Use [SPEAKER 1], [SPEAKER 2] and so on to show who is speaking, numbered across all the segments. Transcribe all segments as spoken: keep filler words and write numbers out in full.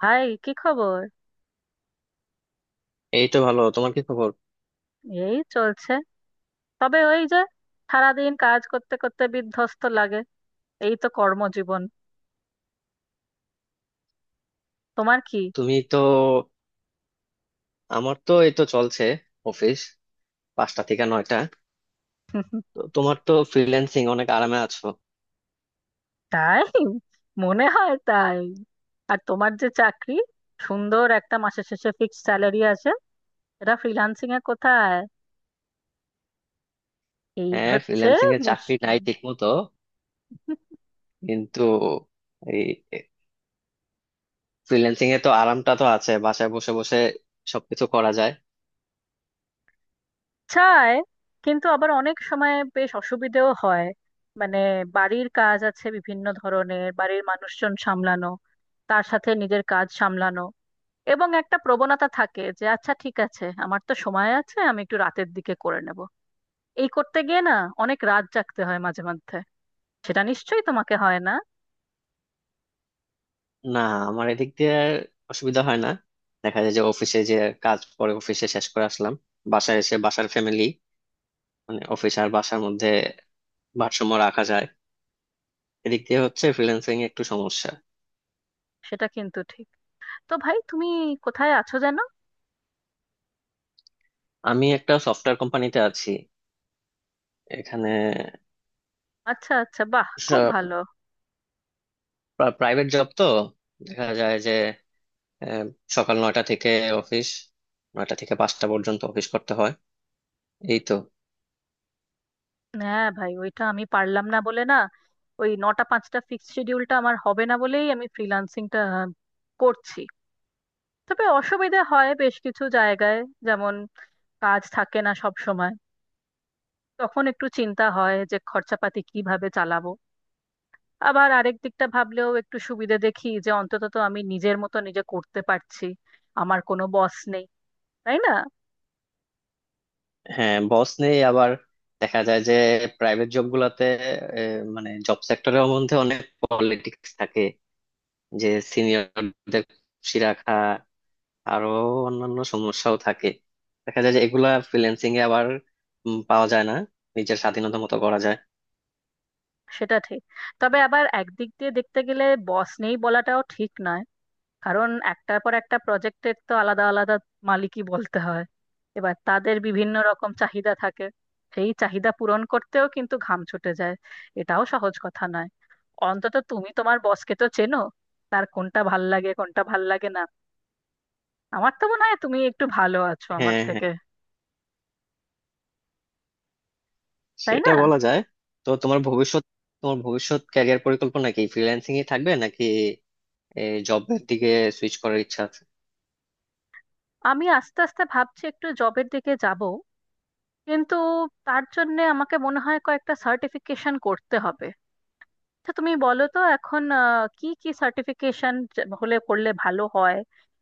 [SPEAKER 1] ভাই কি খবর?
[SPEAKER 2] এই তো ভালো। তোমার কি খবর?
[SPEAKER 1] এই চলছে, তবে ওই যে সারাদিন কাজ করতে করতে বিধ্বস্ত লাগে। এই তো কর্মজীবন। তোমার কি?
[SPEAKER 2] তুমি তো আমার তো এই তো চলছে, অফিস পাঁচটা থেকে নয়টা। তো তোমার তো ফ্রিল্যান্সিং, অনেক আরামে আছো।
[SPEAKER 1] তাই? মনে হয় তাই। আর তোমার যে চাকরি, সুন্দর একটা মাসের শেষে ফিক্সড স্যালারি আসে, এটা ফ্রিল্যান্সিং এ কোথায়? এই
[SPEAKER 2] হ্যাঁ,
[SPEAKER 1] হচ্ছে
[SPEAKER 2] ফ্রিল্যান্সিং এর চাকরি
[SPEAKER 1] মুশকিল।
[SPEAKER 2] নাই ঠিক মতো কিন্তু। এই ফ্রিল্যান্সিং এ তো আরামটা তো আছে, বাসায় বসে বসে সবকিছু করা যায়।
[SPEAKER 1] চায়, কিন্তু আবার অনেক সময় বেশ অসুবিধেও হয়। মানে, বাড়ির কাজ আছে, বিভিন্ন ধরনের বাড়ির মানুষজন সামলানো, তার সাথে নিজের কাজ সামলানো, এবং একটা প্রবণতা থাকে যে আচ্ছা ঠিক আছে আমার তো সময় আছে আমি একটু রাতের দিকে করে নেব। এই করতে গিয়ে না অনেক রাত জাগতে হয় মাঝে মধ্যে। সেটা নিশ্চয়ই তোমাকে হয় না।
[SPEAKER 2] না, আমার এদিক দিয়ে আর অসুবিধা হয় না। দেখা যায় যে অফিসে যে কাজ পরে, অফিসে শেষ করে আসলাম, বাসায় এসে বাসার ফ্যামিলি, মানে অফিস আর বাসার মধ্যে ভারসাম্য রাখা যায়। এদিক দিয়ে হচ্ছে ফ্রিল্যান্সিং একটু সমস্যা।
[SPEAKER 1] সেটা কিন্তু ঠিক। তো ভাই তুমি কোথায় আছো যেন?
[SPEAKER 2] আমি একটা সফটওয়্যার কোম্পানিতে আছি এখানে।
[SPEAKER 1] আচ্ছা আচ্ছা, বাহ, খুব ভালো।
[SPEAKER 2] প্রাইভেট জব তো, দেখা যায় যে আহ, সকাল নয়টা থেকে অফিস, নয়টা থেকে পাঁচটা পর্যন্ত অফিস করতে হয়, এই তো।
[SPEAKER 1] হ্যাঁ ভাই, ওইটা আমি পারলাম না বলে না, ওই নটা পাঁচটা ফিক্সড শিডিউলটা আমার হবে না বলেই আমি ফ্রিল্যান্সিংটা করছি। তবে অসুবিধা হয় বেশ কিছু জায়গায়। যেমন কাজ থাকে না সব সময়, তখন একটু চিন্তা হয় যে খরচাপাতি কিভাবে চালাবো। আবার আরেক দিকটা ভাবলেও একটু সুবিধে দেখি যে অন্তত তো আমি নিজের মতো নিজে করতে পারছি, আমার কোনো বস নেই, তাই না?
[SPEAKER 2] হ্যাঁ, বস নেই আবার, দেখা যায় যে প্রাইভেট জব গুলাতে আহ, মানে জব সেক্টরের মধ্যে অনেক পলিটিক্স থাকে, যে সিনিয়রদের খুশি রাখা, আরো অন্যান্য সমস্যাও থাকে। দেখা যায় যে এগুলা ফ্রিল্যান্সিং এ আবার উম, পাওয়া যায় না, নিজের স্বাধীনতা মতো করা যায়।
[SPEAKER 1] সেটা ঠিক, তবে আবার একদিক দিয়ে দেখতে গেলে বস নেই বলাটাও ঠিক নয়। কারণ একটার পর একটা প্রজেক্টের তো আলাদা আলাদা মালিকই বলতে হয়। এবার তাদের বিভিন্ন রকম চাহিদা থাকে, সেই চাহিদা পূরণ করতেও কিন্তু ঘাম ছুটে যায়। এটাও সহজ কথা নয়। অন্তত তুমি তোমার বসকে তো চেনো, তার কোনটা ভাল লাগে কোনটা ভাল লাগে না। আমার তো মনে হয় তুমি একটু ভালো আছো আমার
[SPEAKER 2] হ্যাঁ, হ্যাঁ,
[SPEAKER 1] থেকে, তাই
[SPEAKER 2] সেটা
[SPEAKER 1] না?
[SPEAKER 2] বলা যায়। তো তোমার ভবিষ্যৎ তোমার ভবিষ্যৎ ক্যারিয়ার পরিকল্পনা কি? ফ্রিল্যান্সিং এ থাকবে, নাকি জবের দিকে সুইচ করার ইচ্ছা আছে?
[SPEAKER 1] আমি আস্তে আস্তে ভাবছি একটু জবের দিকে যাব, কিন্তু তার জন্য আমাকে মনে হয় কয়েকটা সার্টিফিকেশন করতে হবে। আচ্ছা তুমি বলো তো এখন আহ, কি কি সার্টিফিকেশন হলে করলে ভালো হয়,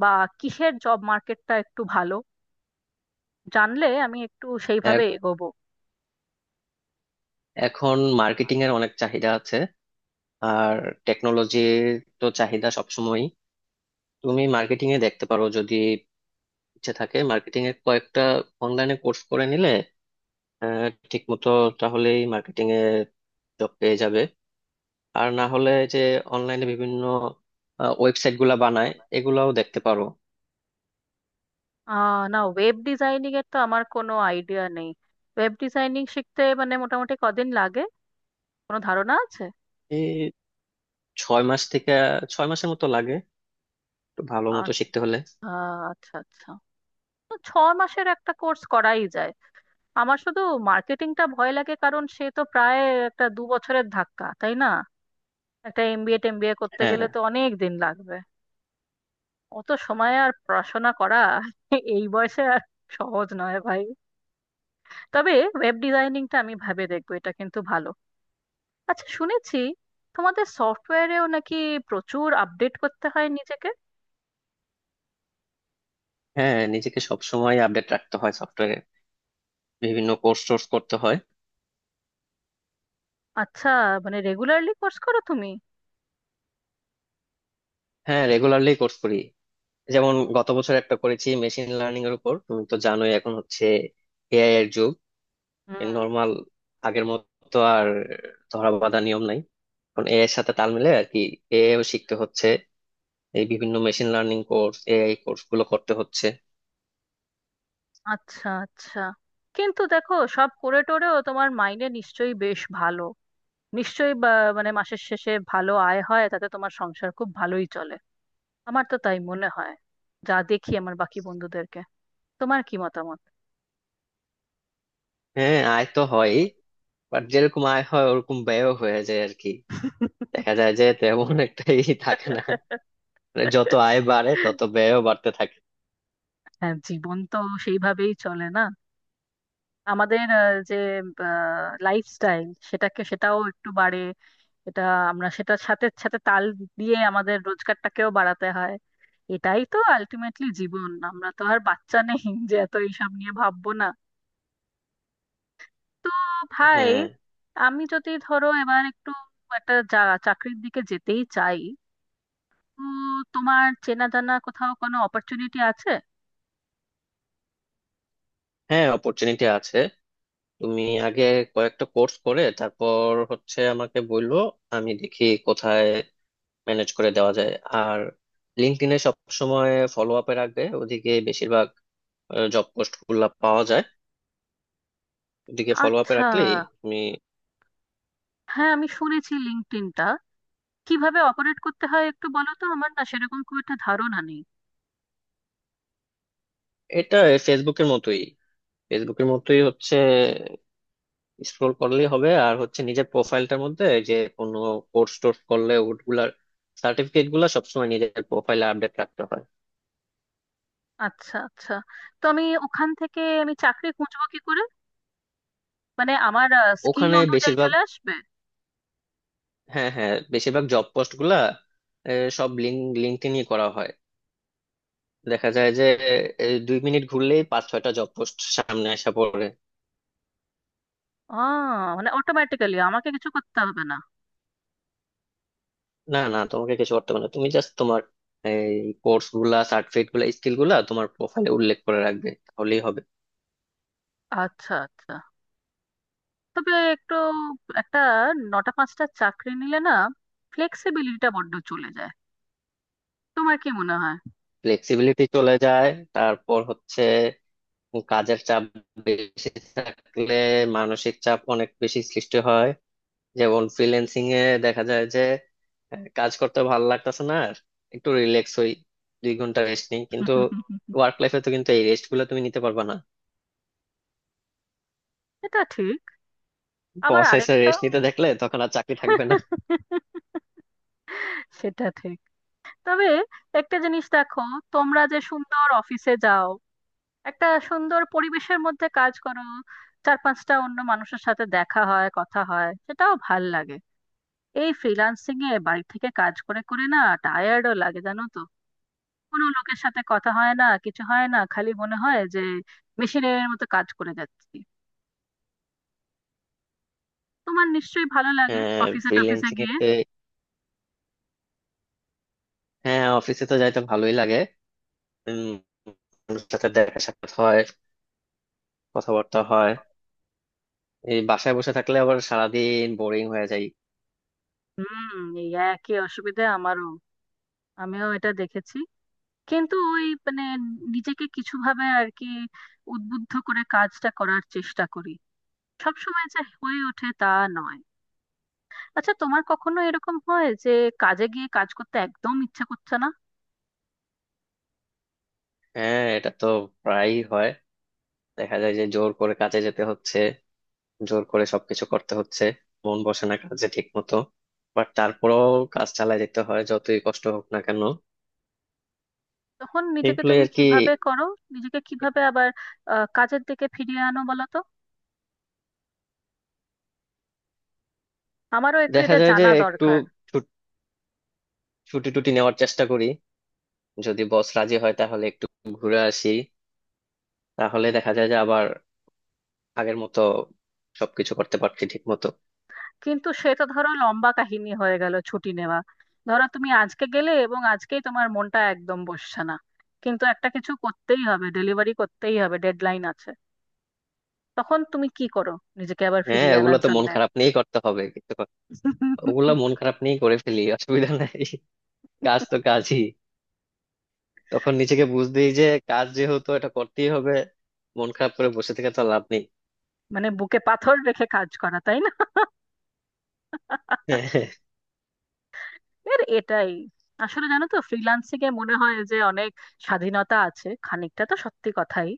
[SPEAKER 1] বা কিসের জব মার্কেটটা একটু ভালো, জানলে আমি একটু
[SPEAKER 2] এ-
[SPEAKER 1] সেইভাবে এগোবো।
[SPEAKER 2] এখন মার্কেটিং এর অনেক চাহিদা আছে, আর টেকনোলজির তো চাহিদা সবসময়ই। তুমি মার্কেটিং এ দেখতে পারো, যদি ইচ্ছে থাকে মার্কেটিং এর কয়েকটা অনলাইনে কোর্স করে নিলে আহ, ঠিক মতো, তাহলেই মার্কেটিং এ জব পেয়ে যাবে। আর না হলে যে অনলাইনে বিভিন্ন ওয়েবসাইট গুলা বানায়, এগুলাও দেখতে পারো।
[SPEAKER 1] আহ না, ওয়েব ডিজাইনিং এর তো আমার কোনো আইডিয়া নেই। ওয়েব ডিজাইনিং শিখতে মানে মোটামুটি কদিন লাগে, কোনো ধারণা আছে?
[SPEAKER 2] ছয় মাস থেকে ছয় মাসের মতো লাগে একটু ভালো
[SPEAKER 1] আ-
[SPEAKER 2] মতো শিখতে হলে।
[SPEAKER 1] আ- আচ্ছা আচ্ছা, তো ছ মাসের একটা কোর্স করাই যায়। আমার শুধু মার্কেটিংটা ভয় লাগে, কারণ সে তো প্রায় একটা দু বছরের ধাক্কা, তাই না? একটা এমবিএ টেমবিএ করতে
[SPEAKER 2] হ্যাঁ,
[SPEAKER 1] গেলে তো অনেক দিন লাগবে। অত সময় আর পড়াশোনা করা এই বয়সে আর সহজ নয় ভাই। তবে ওয়েব ডিজাইনিংটা আমি ভাবে দেখবো, এটা কিন্তু ভালো। আচ্ছা, শুনেছি তোমাদের সফটওয়্যারেও নাকি প্রচুর আপডেট করতে হয় নিজেকে।
[SPEAKER 2] হ্যাঁ, নিজেকে সব সময় আপডেট রাখতে হয় সফটওয়্যারে, বিভিন্ন কোর্স টোর্স করতে হয়।
[SPEAKER 1] আচ্ছা, মানে রেগুলারলি কোর্স করো তুমি?
[SPEAKER 2] হ্যাঁ, রেগুলারলি কোর্স করি। যেমন গত বছর একটা করেছি মেশিন লার্নিং এর উপর। তুমি তো জানোই, এখন হচ্ছে এআই এর যুগ।
[SPEAKER 1] হুম।
[SPEAKER 2] নর্মাল আগের মতো আর ধরা বাঁধা নিয়ম নাই, এখন এআই এর সাথে তাল মিলে আর কি, এআই ও শিখতে হচ্ছে। এই বিভিন্ন machine learning course, AI course গুলো করতে হচ্ছে।
[SPEAKER 1] আচ্ছা আচ্ছা, কিন্তু দেখো সব করে টোরেও তোমার মাইনে নিশ্চয়ই বেশ ভালো। নিশ্চয়ই বা- মানে মাসের শেষে ভালো আয় হয়, তাতে তোমার সংসার খুব ভালোই চলে, আমার তো তাই মনে হয়, যা দেখি আমার বাকি বন্ধুদেরকে। তোমার কি মতামত?
[SPEAKER 2] হ্যাঁ, আয় তো হয়, বাট যেরকম আয় হয় ওরকম ব্যয়ও হয়ে যায় আর কি। দেখা যায় যে তেমন একটা ই থাকে না, মানে যত আয় বাড়ে তত ব্যয়ও বাড়তে থাকে।
[SPEAKER 1] হ্যাঁ, জীবন তো সেইভাবেই চলে না। আমাদের আহ, যে লাইফস্টাইল, সেটাকে সেটাও একটু বাড়ে, এটা। আমরা সেটার সাথে সাথে তাল দিয়ে আমাদের রোজগারটাকেও বাড়াতে হয়। এটাই তো আলটিমেটলি জীবন, আমরা তো আর বাচ্চা নেই যে এত এইসব নিয়ে ভাববো না। তো ভাই,
[SPEAKER 2] হ্যাঁ,
[SPEAKER 1] আমি যদি ধরো এবার একটু একটা চা- চাকরির দিকে যেতেই চাই, তো তোমার চেনা জানা কোথাও কোনো অপরচুনিটি আছে?
[SPEAKER 2] হ্যাঁ, অপরচুনিটি আছে। তুমি আগে কয়েকটা কোর্স করে তারপর হচ্ছে আমাকে বললো, আমি দেখি কোথায় ম্যানেজ করে দেওয়া যায়। আর লিঙ্কডইনে সব সময় ফলো আপে রাখবে, ওদিকে বেশিরভাগ জব পোস্ট গুলা পাওয়া যায়। ওদিকে ফলো আপে
[SPEAKER 1] আচ্ছা।
[SPEAKER 2] রাখলেই তুমি।
[SPEAKER 1] হ্যাঁ আমি শুনেছি লিঙ্কডইনটা কিভাবে অপারেট করতে হয় একটু বলো তো, আমার না সেরকম খুব একটা ধারণা নেই।
[SPEAKER 2] এটা ফেসবুকের মতোই। ফেসবুকের মতোই হচ্ছে স্ক্রোল করলেই হবে, আর হচ্ছে নিজের প্রোফাইলটার মধ্যে এই যে কোনো কোর্স টোর্স করলে ওগুলার সার্টিফিকেট গুলা সবসময় নিজের প্রোফাইলে আপডেট রাখতে হয়।
[SPEAKER 1] আচ্ছা আচ্ছা, তো আমি ওখান থেকে আমি চাকরি খুঁজবো কি করে? মানে আমার স্কিল
[SPEAKER 2] ওখানে
[SPEAKER 1] অনুযায়ী
[SPEAKER 2] বেশিরভাগ
[SPEAKER 1] চলে আসবে?
[SPEAKER 2] হ্যাঁ, হ্যাঁ, বেশিরভাগ জব পোস্ট গুলা এ, সব লিঙ্ক লিঙ্কডইনই করা হয়। দেখা যায় যে এ, দুই মিনিট ঘুরলেই পাঁচ ছয়টা জব পোস্ট সামনে আসা পড়ে।
[SPEAKER 1] আহ, মানে অটোমেটিক্যালি, আমাকে কিছু করতে হবে না?
[SPEAKER 2] না না, তোমাকে কিছু করতে হবে না, তুমি জাস্ট তোমার এই কোর্স গুলা, সার্টিফিকেট গুলা, স্কিল গুলা তোমার প্রোফাইলে উল্লেখ করে রাখবে, তাহলেই হবে।
[SPEAKER 1] আচ্ছা আচ্ছা, তবে একটু একটা নটা পাঁচটা চাকরি নিলে না, ফ্লেক্সিবিলিটিটা বড্ড চলে যায়, তোমার কি মনে হয়?
[SPEAKER 2] ফ্লেক্সিবিলিটি চলে যায়, তারপর হচ্ছে কাজের চাপ বেশি থাকলে মানসিক চাপ অনেক বেশি সৃষ্টি হয়। যেমন ফ্রিল্যান্সিং এ দেখা যায় যে আহ, কাজ করতে ভালো লাগতেছে না আর, একটু রিল্যাক্স হই, দুই ঘন্টা রেস্ট নিই, কিন্তু ওয়ার্ক লাইফে তো কিন্তু এই রেস্ট গুলো তুমি নিতে পারবে না।
[SPEAKER 1] এটা ঠিক। আবার
[SPEAKER 2] বস এসে
[SPEAKER 1] আরেকটা।
[SPEAKER 2] রেস্ট নিতে দেখলে তখন আর চাকরি থাকবে না।
[SPEAKER 1] সেটা ঠিক। তবে একটা জিনিস দেখো, তোমরা যে সুন্দর অফিসে যাও, একটা সুন্দর পরিবেশের মধ্যে কাজ করো, চার পাঁচটা অন্য মানুষের সাথে দেখা হয়, কথা হয়, সেটাও ভাল লাগে। এই ফ্রিল্যান্সিং এ বাড়ি থেকে কাজ করে করে না টায়ার্ডও লাগে, জানো তো, কোনো লোকের সাথে কথা হয় না, কিছু হয় না, খালি মনে হয় যে মেশিনের মতো কাজ করে যাচ্ছি। তোমার নিশ্চয়ই ভালো লাগে
[SPEAKER 2] হ্যাঁ,
[SPEAKER 1] অফিসে টফিসে
[SPEAKER 2] ফ্রিল্যান্সিং
[SPEAKER 1] গিয়ে।
[SPEAKER 2] এতে। হ্যাঁ, অফিসে তো যাইতে ভালোই লাগে, উম, মানুষের সাথে দেখা সাক্ষাৎ হয়, কথাবার্তা হয়। এই বাসায় বসে থাকলে আবার সারাদিন বোরিং হয়ে যায়।
[SPEAKER 1] হুম, এই একই অসুবিধা আমারও, আমিও এটা দেখেছি। কিন্তু ওই মানে নিজেকে কিছু ভাবে আর কি উদ্বুদ্ধ করে কাজটা করার চেষ্টা করি, সব সময় যে হয়ে ওঠে তা নয়। আচ্ছা তোমার কখনো এরকম হয় যে কাজে গিয়ে কাজ করতে একদম ইচ্ছা করছে না?
[SPEAKER 2] হ্যাঁ, এটা তো প্রায়ই হয়। দেখা যায় যে জোর করে কাজে যেতে হচ্ছে, জোর করে সবকিছু করতে হচ্ছে, মন বসে না কাজে ঠিক মতো, বাট তারপরেও কাজ চালিয়ে যেতে হয় যতই কষ্ট হোক না কেন।
[SPEAKER 1] তখন নিজেকে
[SPEAKER 2] এইগুলোই
[SPEAKER 1] তুমি
[SPEAKER 2] আর কি।
[SPEAKER 1] কিভাবে করো? নিজেকে কিভাবে আবার আহ, কাজের দিকে ফিরিয়ে আনো বলো তো, আমারও একটু
[SPEAKER 2] দেখা
[SPEAKER 1] এটা
[SPEAKER 2] যায় যে
[SPEAKER 1] জানা
[SPEAKER 2] একটু
[SPEAKER 1] দরকার।
[SPEAKER 2] ছুট- ছুটি টুটি নেওয়ার চেষ্টা করি, যদি বস রাজি হয় তাহলে একটু ঘুরে আসি, তাহলে দেখা যায় যে আবার আগের মতো সবকিছু করতে পারছি ঠিক মতো।
[SPEAKER 1] কিন্তু সেটা ধরো লম্বা কাহিনী হয়ে গেল ছুটি নেওয়া। ধরো তুমি আজকে গেলে এবং আজকেই তোমার মনটা একদম বসছে না, কিন্তু একটা কিছু করতেই হবে, ডেলিভারি করতেই হবে, ডেডলাইন আছে, তখন তুমি কি করো নিজেকে আবার
[SPEAKER 2] হ্যাঁ,
[SPEAKER 1] ফিরিয়ে
[SPEAKER 2] ওগুলো
[SPEAKER 1] আনার
[SPEAKER 2] তো মন
[SPEAKER 1] জন্য?
[SPEAKER 2] খারাপ নিয়েই করতে হবে কিন্তু। ওগুলো মন খারাপ নিয়েই করে ফেলি, অসুবিধা নাই। কাজ তো কাজই। তখন নিজেকে বুঝ দিই যে কাজ যেহেতু এটা করতেই হবে, মন খারাপ করে বসে থেকে তো লাভ নেই।
[SPEAKER 1] মানে বুকে পাথর রেখে কাজ করা, তাই না? এর এটাই আসলে, জানো তো, ফ্রিল্যান্সিং এ মনে হয় যে অনেক স্বাধীনতা আছে, খানিকটা তো সত্যি কথাই,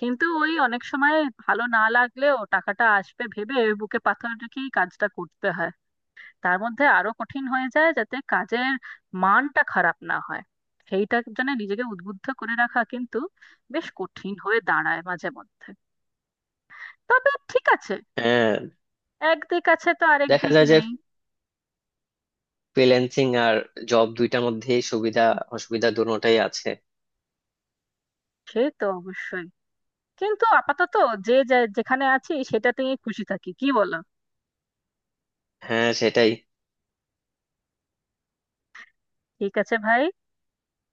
[SPEAKER 1] কিন্তু ওই অনেক সময় ভালো না লাগলেও টাকাটা আসবে ভেবে বুকে পাথর রেখেই কাজটা করতে হয়। তার মধ্যে আরো কঠিন হয়ে যায় যাতে কাজের মানটা খারাপ না হয়, সেইটা জন্য নিজেকে উদ্বুদ্ধ করে রাখা কিন্তু বেশ কঠিন হয়ে দাঁড়ায় মাঝে মধ্যে। তবে ঠিক আছে,
[SPEAKER 2] হ্যাঁ।
[SPEAKER 1] এক দিক আছে তো আরেক
[SPEAKER 2] দেখা
[SPEAKER 1] দিক
[SPEAKER 2] যায় যে
[SPEAKER 1] নেই।
[SPEAKER 2] ফ্রিল্যান্সিং আর জব, দুইটার মধ্যে সুবিধা অসুবিধা দুটোটাই আছে।
[SPEAKER 1] সে তো অবশ্যই। কিন্তু আপাতত যে যে- যেখানে আছি সেটাতেই খুশি থাকি, কি বলো?
[SPEAKER 2] হ্যাঁ, সেটাই।
[SPEAKER 1] ঠিক আছে ভাই,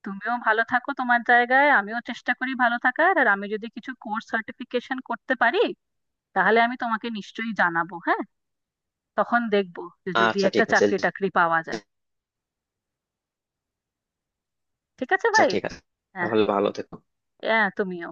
[SPEAKER 1] তুমিও ভালো থাকো তোমার জায়গায়, আমিও চেষ্টা করি ভালো থাকার, আর আমি যদি কিছু কোর্স সার্টিফিকেশন করতে পারি তাহলে আমি তোমাকে নিশ্চয়ই জানাবো, হ্যাঁ, তখন দেখবো যে যদি
[SPEAKER 2] আচ্ছা,
[SPEAKER 1] একটা
[SPEAKER 2] ঠিক আছে।
[SPEAKER 1] চাকরি টাকরি পাওয়া যায়। ঠিক আছে
[SPEAKER 2] আচ্ছা,
[SPEAKER 1] ভাই।
[SPEAKER 2] ঠিক আছে।
[SPEAKER 1] হ্যাঁ
[SPEAKER 2] তাহলে ভালো থেকো।
[SPEAKER 1] হ্যাঁ তুমিও।